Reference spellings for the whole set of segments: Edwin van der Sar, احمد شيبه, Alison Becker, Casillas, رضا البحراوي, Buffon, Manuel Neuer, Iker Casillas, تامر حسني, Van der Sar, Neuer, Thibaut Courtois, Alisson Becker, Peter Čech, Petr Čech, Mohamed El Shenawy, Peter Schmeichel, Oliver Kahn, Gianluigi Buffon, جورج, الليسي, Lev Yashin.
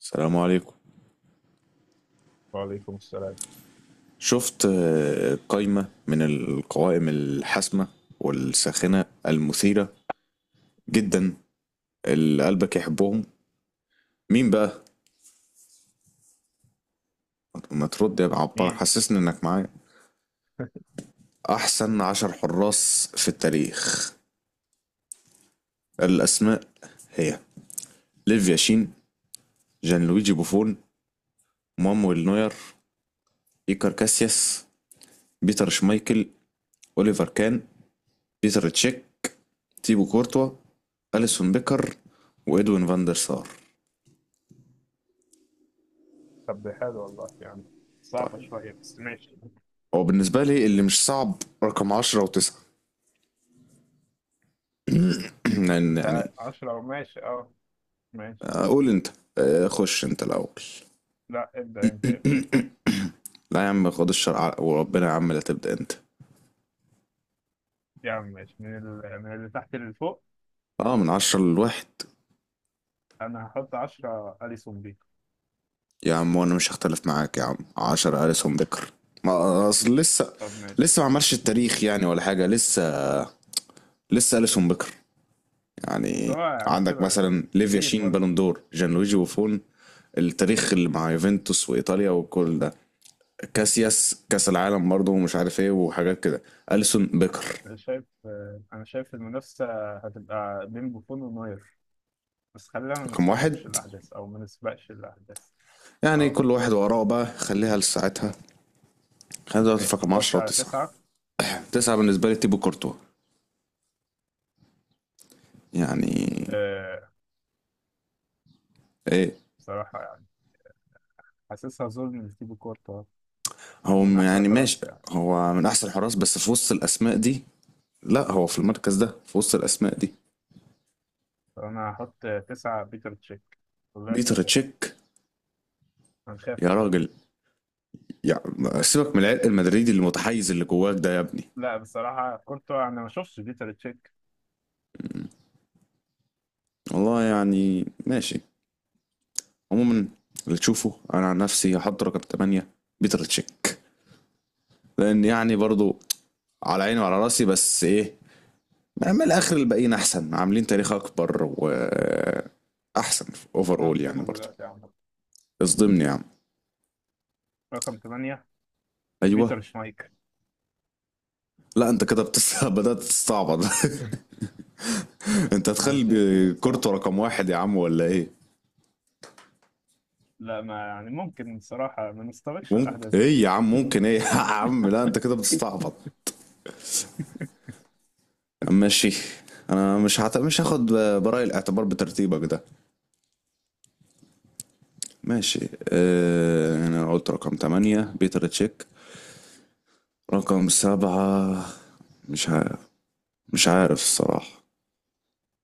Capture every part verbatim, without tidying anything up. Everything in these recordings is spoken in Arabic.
السلام عليكم. وعليكم السلام. شفت آه، قائمة من القوائم الحاسمة والساخنة المثيرة جدا اللي قلبك يحبهم، مين بقى؟ ما ترد يا عبار، مين؟ حسسني انك معايا. أحسن عشر حراس في التاريخ، الأسماء هي: ليف ياشين، جان لويجي بوفون، مانويل نوير، إيكار كاسياس، بيتر شمايكل، أوليفر كان، بيتر تشيك، تيبو كورتوا، أليسون بيكر، وإدوين فاندر سار. طب ده حلو والله، يعني طيب، صعبة شوية بس ماشي. هو بالنسبة لي اللي مش صعب رقم عشرة وتسعة. لأن انت يعني عشرة؟ ماشي، اه، ماشي. آه، قول أنت. آه، خش أنت الأول. لا، ابدأ انت، ابدأ انت. لا يا عم خد الشرع ع- وربنا يا عم لا تبدأ أنت. يا عم ماشي، من ال... من اللي تحت اللي فوق. أه، من عشرة لواحد. انا هحط عشرة أليسون بيكو. يا عم وأنا مش هختلف معاك يا عم، عشرة أليسون بيكر. ما آه، أصل لسه، طب ماشي. لسه ما عملش التاريخ يعني ولا حاجة، لسه لسه أليسون بيكر بس هو يعني. يعني عندك كبر. مثلا ليفيا كبير شين برضه. بالون دور، جان لويجي وفون التاريخ اللي مع يوفنتوس وإيطاليا وكل ده، كاسياس كاس العالم برضه ومش عارف ايه وحاجات كده. اليسون بيكر انا شايف آه، انا شايف المنافسة هتبقى بين بوفون ونوير. بس خلينا ما رقم واحد نستبقش الأحداث أو ما نسبقش الأحداث. يعني، اه، كل واحد وراه بقى خليها لساعتها. خلينا دلوقتي في ماشي، رقم نخش عشرة على وتسعة. تسعة. تسعة بالنسبة لي تيبو كورتوا يعني. آه، ايه، بصراحة يعني حاسسها ظلم لتيبو كورتا. هو من م- أحسن يعني ماشي، الحراس يعني. هو من احسن الحراس بس في وسط الاسماء دي. لا هو في المركز ده في وسط الاسماء دي. فأنا هحط تسعة بيتر تشيك، واللي بيتر يحصل يحصل. تشيك؟ يا هنخاف ولا راجل، إيه؟ يعني سيبك من العرق المدريدي المتحيز اللي جواك ده يا ابني. لا، بصراحة كورتوا، أنا ما شفتش بيتر تشيك. والله يعني ماشي. عموما اللي تشوفه، انا عن نفسي هحط رقم تمانية بيتر تشيك، لان يعني برضو على عيني وعلى راسي، بس ايه، من الاخر الباقيين احسن، عاملين تاريخ اكبر واحسن، اوفر أنا اول يعني هصدمك برضو. دلوقتي يا عم. اصدمني يا عم. رقم تمانية. بيتر ايوه. شمايكل. لا انت كده بتس... بدات تستعبط. انت أنا شايف كده تخلي كورتو بصراحة. رقم واحد يا عم ولا ايه؟ لا، ما يعني، ممكن بصراحة ما نستبقش الأحداث ممكن بقى. ايه يا عم، ممكن ايه؟ يا عم لا انت كده بتستعبط. ماشي، انا مش هت... مش هاخد براي الاعتبار بترتيبك ده. ماشي، آه، انا قلت رقم تمانية بيتر تشيك. رقم سبعة مش عارف، مش عارف الصراحة.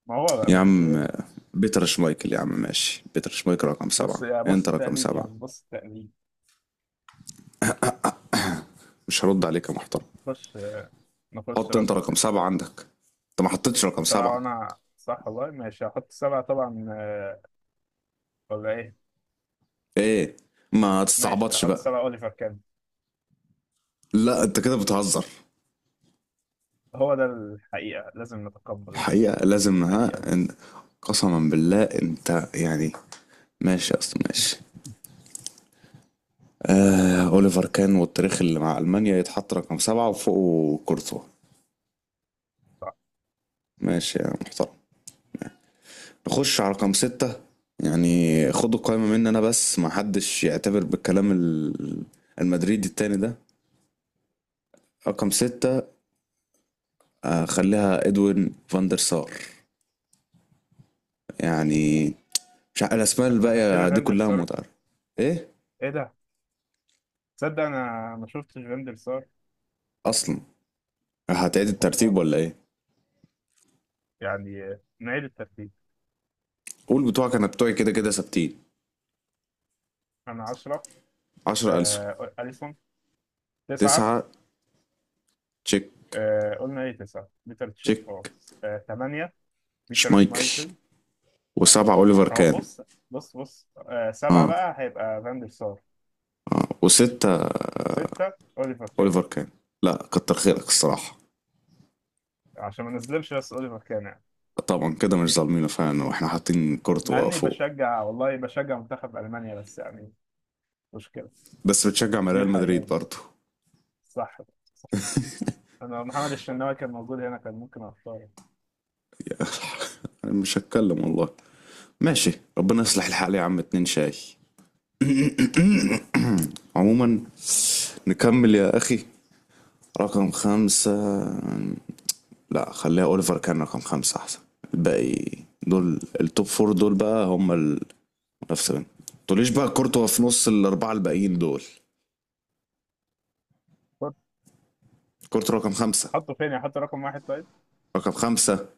ما هو بقى يا ما فيش عم غيره. آه، بيتر شمايكل يا عم، ماشي بيتر شمايكل رقم بص، سبعة، يا انت بص رقم التقليد يا سبعة. عم، بص التقليد. مش هرد عليك يا محترم. نخش نخش حط انت رقم رقم ستة. سبعة عندك، انت ما حطيتش رقم سبعة سبعة. وأنا صح والله. ماشي، هحط سبعة طبعا، آه، ولا إيه؟ ايه، ما ماشي، تستعبطش هحط بقى. سبعة أوليفر كان. لا انت كده بتهزر. هو ده الحقيقة، لازم نتقبل الحقيقة لازم الحقيقة ها دي. ان. قسما بالله انت يعني، ماشي اصلا ماشي. آه، أوليفر كان والتاريخ اللي مع ألمانيا يتحط رقم سبعة وفوقه كورتوا. صح. ماشي يا محترم. نخش على رقم ستة يعني. خدوا القائمة مني أنا بس، ما حدش يعتبر بالكلام ال- المدريدي التاني ده. رقم ستة آه، خليها إدوين فاندر سار يعني، مش عارف الأسماء احنا حطينا الباقية دي فاندر كلها سار؟ متعرفة. إيه؟ ايه ده؟ تصدق انا ما شفتش فاندر سار. أصلا هتعيد الترتيب والله، ولا إيه؟ يعني نعيد الترتيب. قول بتوعك، أنا بتوعي كده كده ثابتين. انا عشرة. عشرة ألسون، آه، اليسون. تسعة. تسعة تشيك. آه، قلنا ايه، تسعة بيتر تشيك، تشيك، اه. تمانية. بيتر شمايكل، شمايكل. وسبعة أوليفر اه، كان. بص بص بص، آه سبعة اه، بقى هيبقى فاندر سار. اه، وستة ستة اوليفر كان. أوليفر كان. لا كتر خيرك الصراحة. عشان ما نظلمش، بس اوليفر كان يعني، طبعا كده مش ظالمينه فعلا واحنا حاطين مع كورتوا اني فوق. بشجع، والله بشجع منتخب المانيا، بس يعني مشكلة. بس بتشجع مع دي ريال مدريد الحقيقة. برضه. صح. صح. انا محمد الشناوي كان موجود هنا كان ممكن اختاره. انا مش هتكلم والله. ماشي، ربنا يصلح الحال يا عم. اتنين شاي. عموما نكمل يا اخي. رقم خمسة، لا خليها اوليفر كان رقم خمسة احسن. الباقي دول التوب فور، دول بقى هم نفس ما، تقوليش بقى كورتوا في نص الأربعة الباقيين دول. كنت كورتوا رقم خمسة. احطه فين؟ احط رقم واحد طيب. رقم خمسة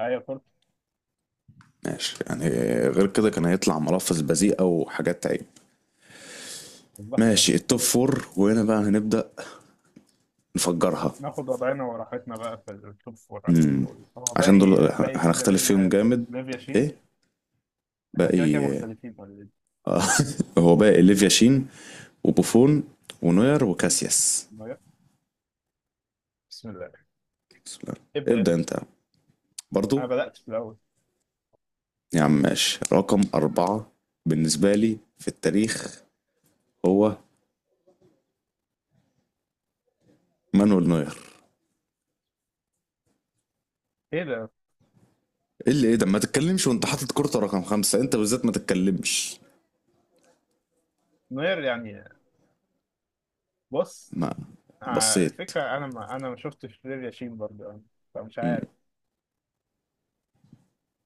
ايوه كنت. ماشي يعني، غير كده كان هيطلع ملفظ بذيئة وحاجات عيب. الله، الله. ماشي التوب فور، وهنا بقى هنبدأ نفجرها. ناخد وضعنا وراحتنا بقى في التوب فور، عشان امم دول هو عشان دول باقي باقي كده هنختلف فيهم ليفيا، جامد. ليفيا شين. ايه؟ احنا كده كده باقي مختلفين ولا إيه؟ آه. هو باقي ليفيا شين وبوفون ونوير وكاسياس. نوير. بسم الله. بسم الله. ابدا ابدأ انت. انت انا برضو. بدات في الاول. يا عم ماشي، رقم أربعة بالنسبة لي في التاريخ هو مانويل نوير. ايه ده؟ ايه اللي ايه ده؟ ما تتكلمش وانت حاطط كورته رقم خمسة، انت بالذات ما تتكلمش. نوير يعني؟ بص، ما آه، بصيت. الفكره، انا ما انا ما شفتش ليفيا شين برضه يعني. فمش مم. عارف.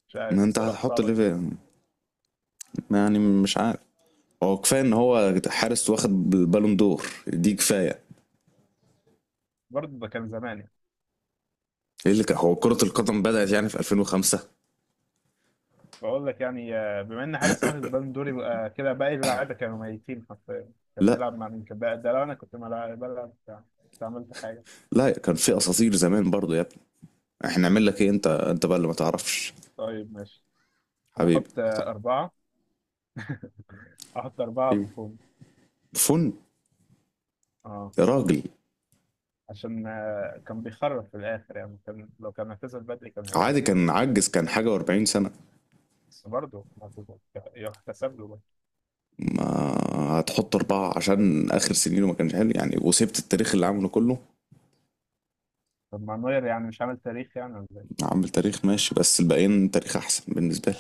مش ما عارف انت الصراحه، هتحط صعبه اللي فيها جدا. يعني، مش عارف. هو كفايه ان هو حارس واخد بالون دور، دي كفايه. برضه ده كان زمان. ايه اللي كان، هو كره القدم بدات يعني في ألفين وخمسة. بقول لك يعني، آه، بما ان حارس واخد بالون دور، يبقى كده باقي اللعيبه كانوا ميتين حرفيا. كان لا، بيلعب مع مين؟ كان بقى- ده لو انا كنت بلعب بلعب بتاع، كنت عملت حاجه. لا كان في اساطير زمان برضو يا ابني. احنا نعمل لك ايه، انت انت بقى اللي ما تعرفش طيب ماشي. انا حبيبي. احط آه، اربعه. احط اربعه ايوه، بنفوذ. فن. اه. يا راجل. عشان آه، كان بيخرب في الاخر يعني، كان لو كان اعتزل بدري كان هيبقى عادي، أحسن. كان عجز، كان حاجه و40 سنه. بس برضه، ما تبقى- يحتسب له برضه. ما هتحط أربعة عشان آخر سنينه ما كانش حلو يعني، وسبت التاريخ اللي عامله كله. طب ما نوير يعني مش عامل تاريخ يعني ولا ايه؟ عامل تاريخ ماشي، بس الباقيين تاريخ أحسن بالنسبة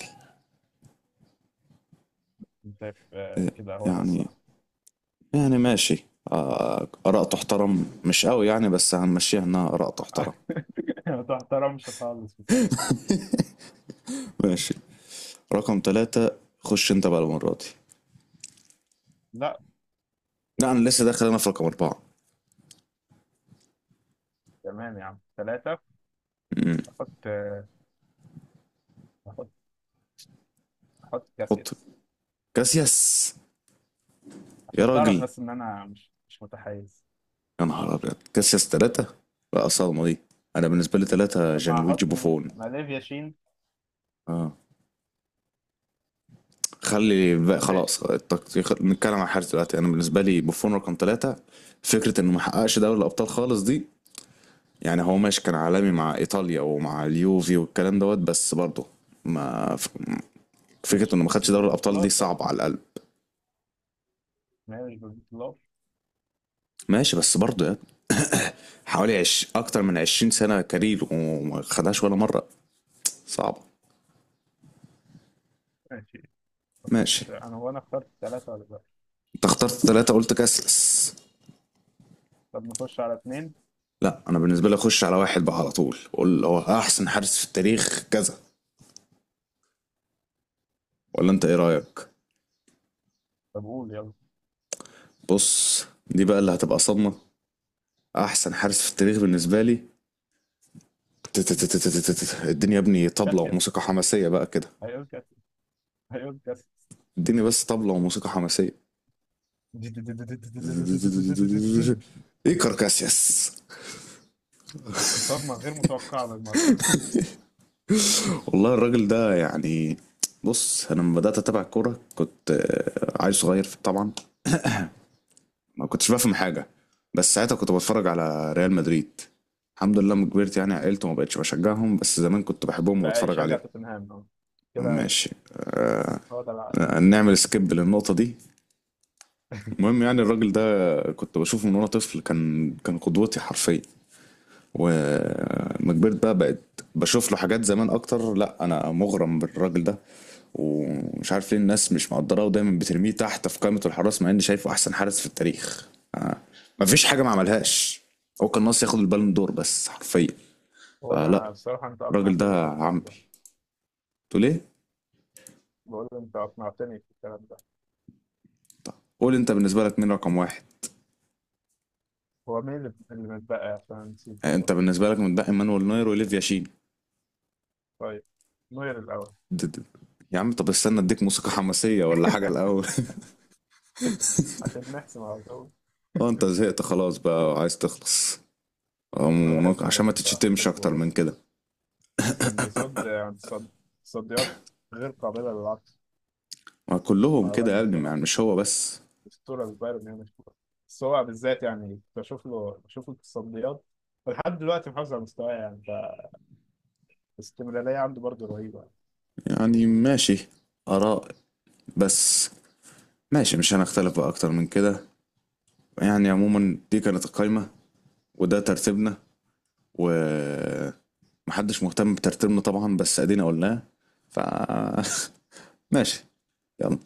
أنا شايف آه، لي كده هو ده يعني. الصح. يعني ماشي آه، آراء تحترم مش قوي يعني، بس هنمشيها إنها آراء تحترم. ما تحترمش خالص بصراحه. ماشي، رقم ثلاثة خش أنت بقى المرة دي. لا. لا أنا لسه داخل أنا في رقم أربعة. تمام يا عم، ثلاثه. مم. احط آه، هحط هحط حط كاسياس. كاسياس. يا عشان تعرف راجل، بس ان انا مش مش متحيز. يا نهار أبيض، كاسياس ثلاثة؟ بقى صدمة دي. أنا بالنسبة لي ثلاثة طب ما جان لويجي هحط مين؟ بوفون. ما ليفيا شين. اه، خلي بقى خلاص ماشي. التقطيع، خ- نتكلم عن الحارس دلوقتي. انا بالنسبه لي بوفون رقم ثلاثه. فكره انه ما حققش دوري الابطال خالص دي، يعني هو ماشي كان عالمي مع ايطاليا ومع اليوفي والكلام دوت، بس برضه ما ف- فكره مش انه ما خدش مش دوري الابطال دي بالبطولات طيب. صعبه على القلب. ما هي مش بالبطولات. ماشي بس برضه يعني، حوالي عش... اكتر من عشرين سنه كارير وما خدهاش ولا مره، صعبه. ماشي، ماشي، نخش. انا وانا اخترت ثلاثة ولا لا؟ انت اخترت ثلاثه، قلت كاسلس. طب نخش على اثنين. لا انا بالنسبه لي اخش على واحد بقى على طول. قول هو احسن حارس في التاريخ كذا، ولا انت ايه رايك؟ طب قول يلا. بص دي بقى اللي هتبقى صدمة. أحسن حارس في التاريخ بالنسبة لي، تتتتتتتت. الدنيا يا ابني طبلة كاسياس. وموسيقى حماسية بقى كده. هيقول كاسياس، هيقول كاسياس. اديني بس طبلة وموسيقى حماسية. إيكار كاسياس. صدمة غير متوقعة بالمرة. والله الراجل ده يعني، بص أنا لما بدأت أتابع الكورة كنت آه، عيل صغير طبعا، ما كنتش بفهم حاجة، بس ساعتها كنت بتفرج على ريال مدريد. الحمد لله لما كبرت يعني عقلت وما بقتش بشجعهم، بس زمان كنت بحبهم بقى وبتفرج يشجع عليهم. توتنهام اهو، كده. ماشي، هو ده الع- آه، نعمل سكيب للنقطة دي. المهم يعني الراجل ده كنت بشوفه من وانا طفل، كان كان قدوتي حرفيا. وما كبرت بقى بقيت بشوف له حاجات زمان اكتر، لا انا مغرم بالراجل ده. ومش عارف ليه الناس مش مقدراه ودايما بترميه تحت في قائمة الحراس، مع اني شايفه احسن حارس في التاريخ. آه. مفيش حاجة ما عملهاش، هو كان ناقص ياخد البالون دور بس حرفيا. هو فلا، انا بصراحة انت الراجل اقنعتني ده في الحوار عمبي. ده. تقول ايه؟ بقول انت اقنعتني في الكلام ده. طب قول انت، بالنسبة لك مين رقم واحد؟ هو مين اللي اللي متبقى، عشان نسيت آه، انت والله. بالنسبة لك متبقي مانويل نوير وليفيا شين. طيب، نوير الأول. د- د- يا عم طب استنى اديك موسيقى حماسية ولا حاجة الأول. عشان نحسم على الأول. اه انت زهقت خلاص بقى وعايز تخلص. أنا أم بحب ونق- عشان نوير، ما بصراحة تتشتمش أكتر بحبه. من كده. كان بيصد عن تصد- تصديات غير قابلة للعكس. ما كلهم كده عالمي يا ابني يعني بصراحة، مش هو بس. أسطورة لبايرن ميونخ. بس هو بالذات يعني، بشوف له بشوف له التصديات. ولحد دلوقتي محافظ على مستواه يعني، فالاستمرارية عنده برضه رهيبة. يعني ماشي، آراء بس. ماشي مش هنختلف بقى أكتر من كده يعني. عموما دي كانت القايمة، وده ترتيبنا، ومحدش مهتم بترتيبنا طبعا، بس ادينا قلناه. ف ماشي يلا.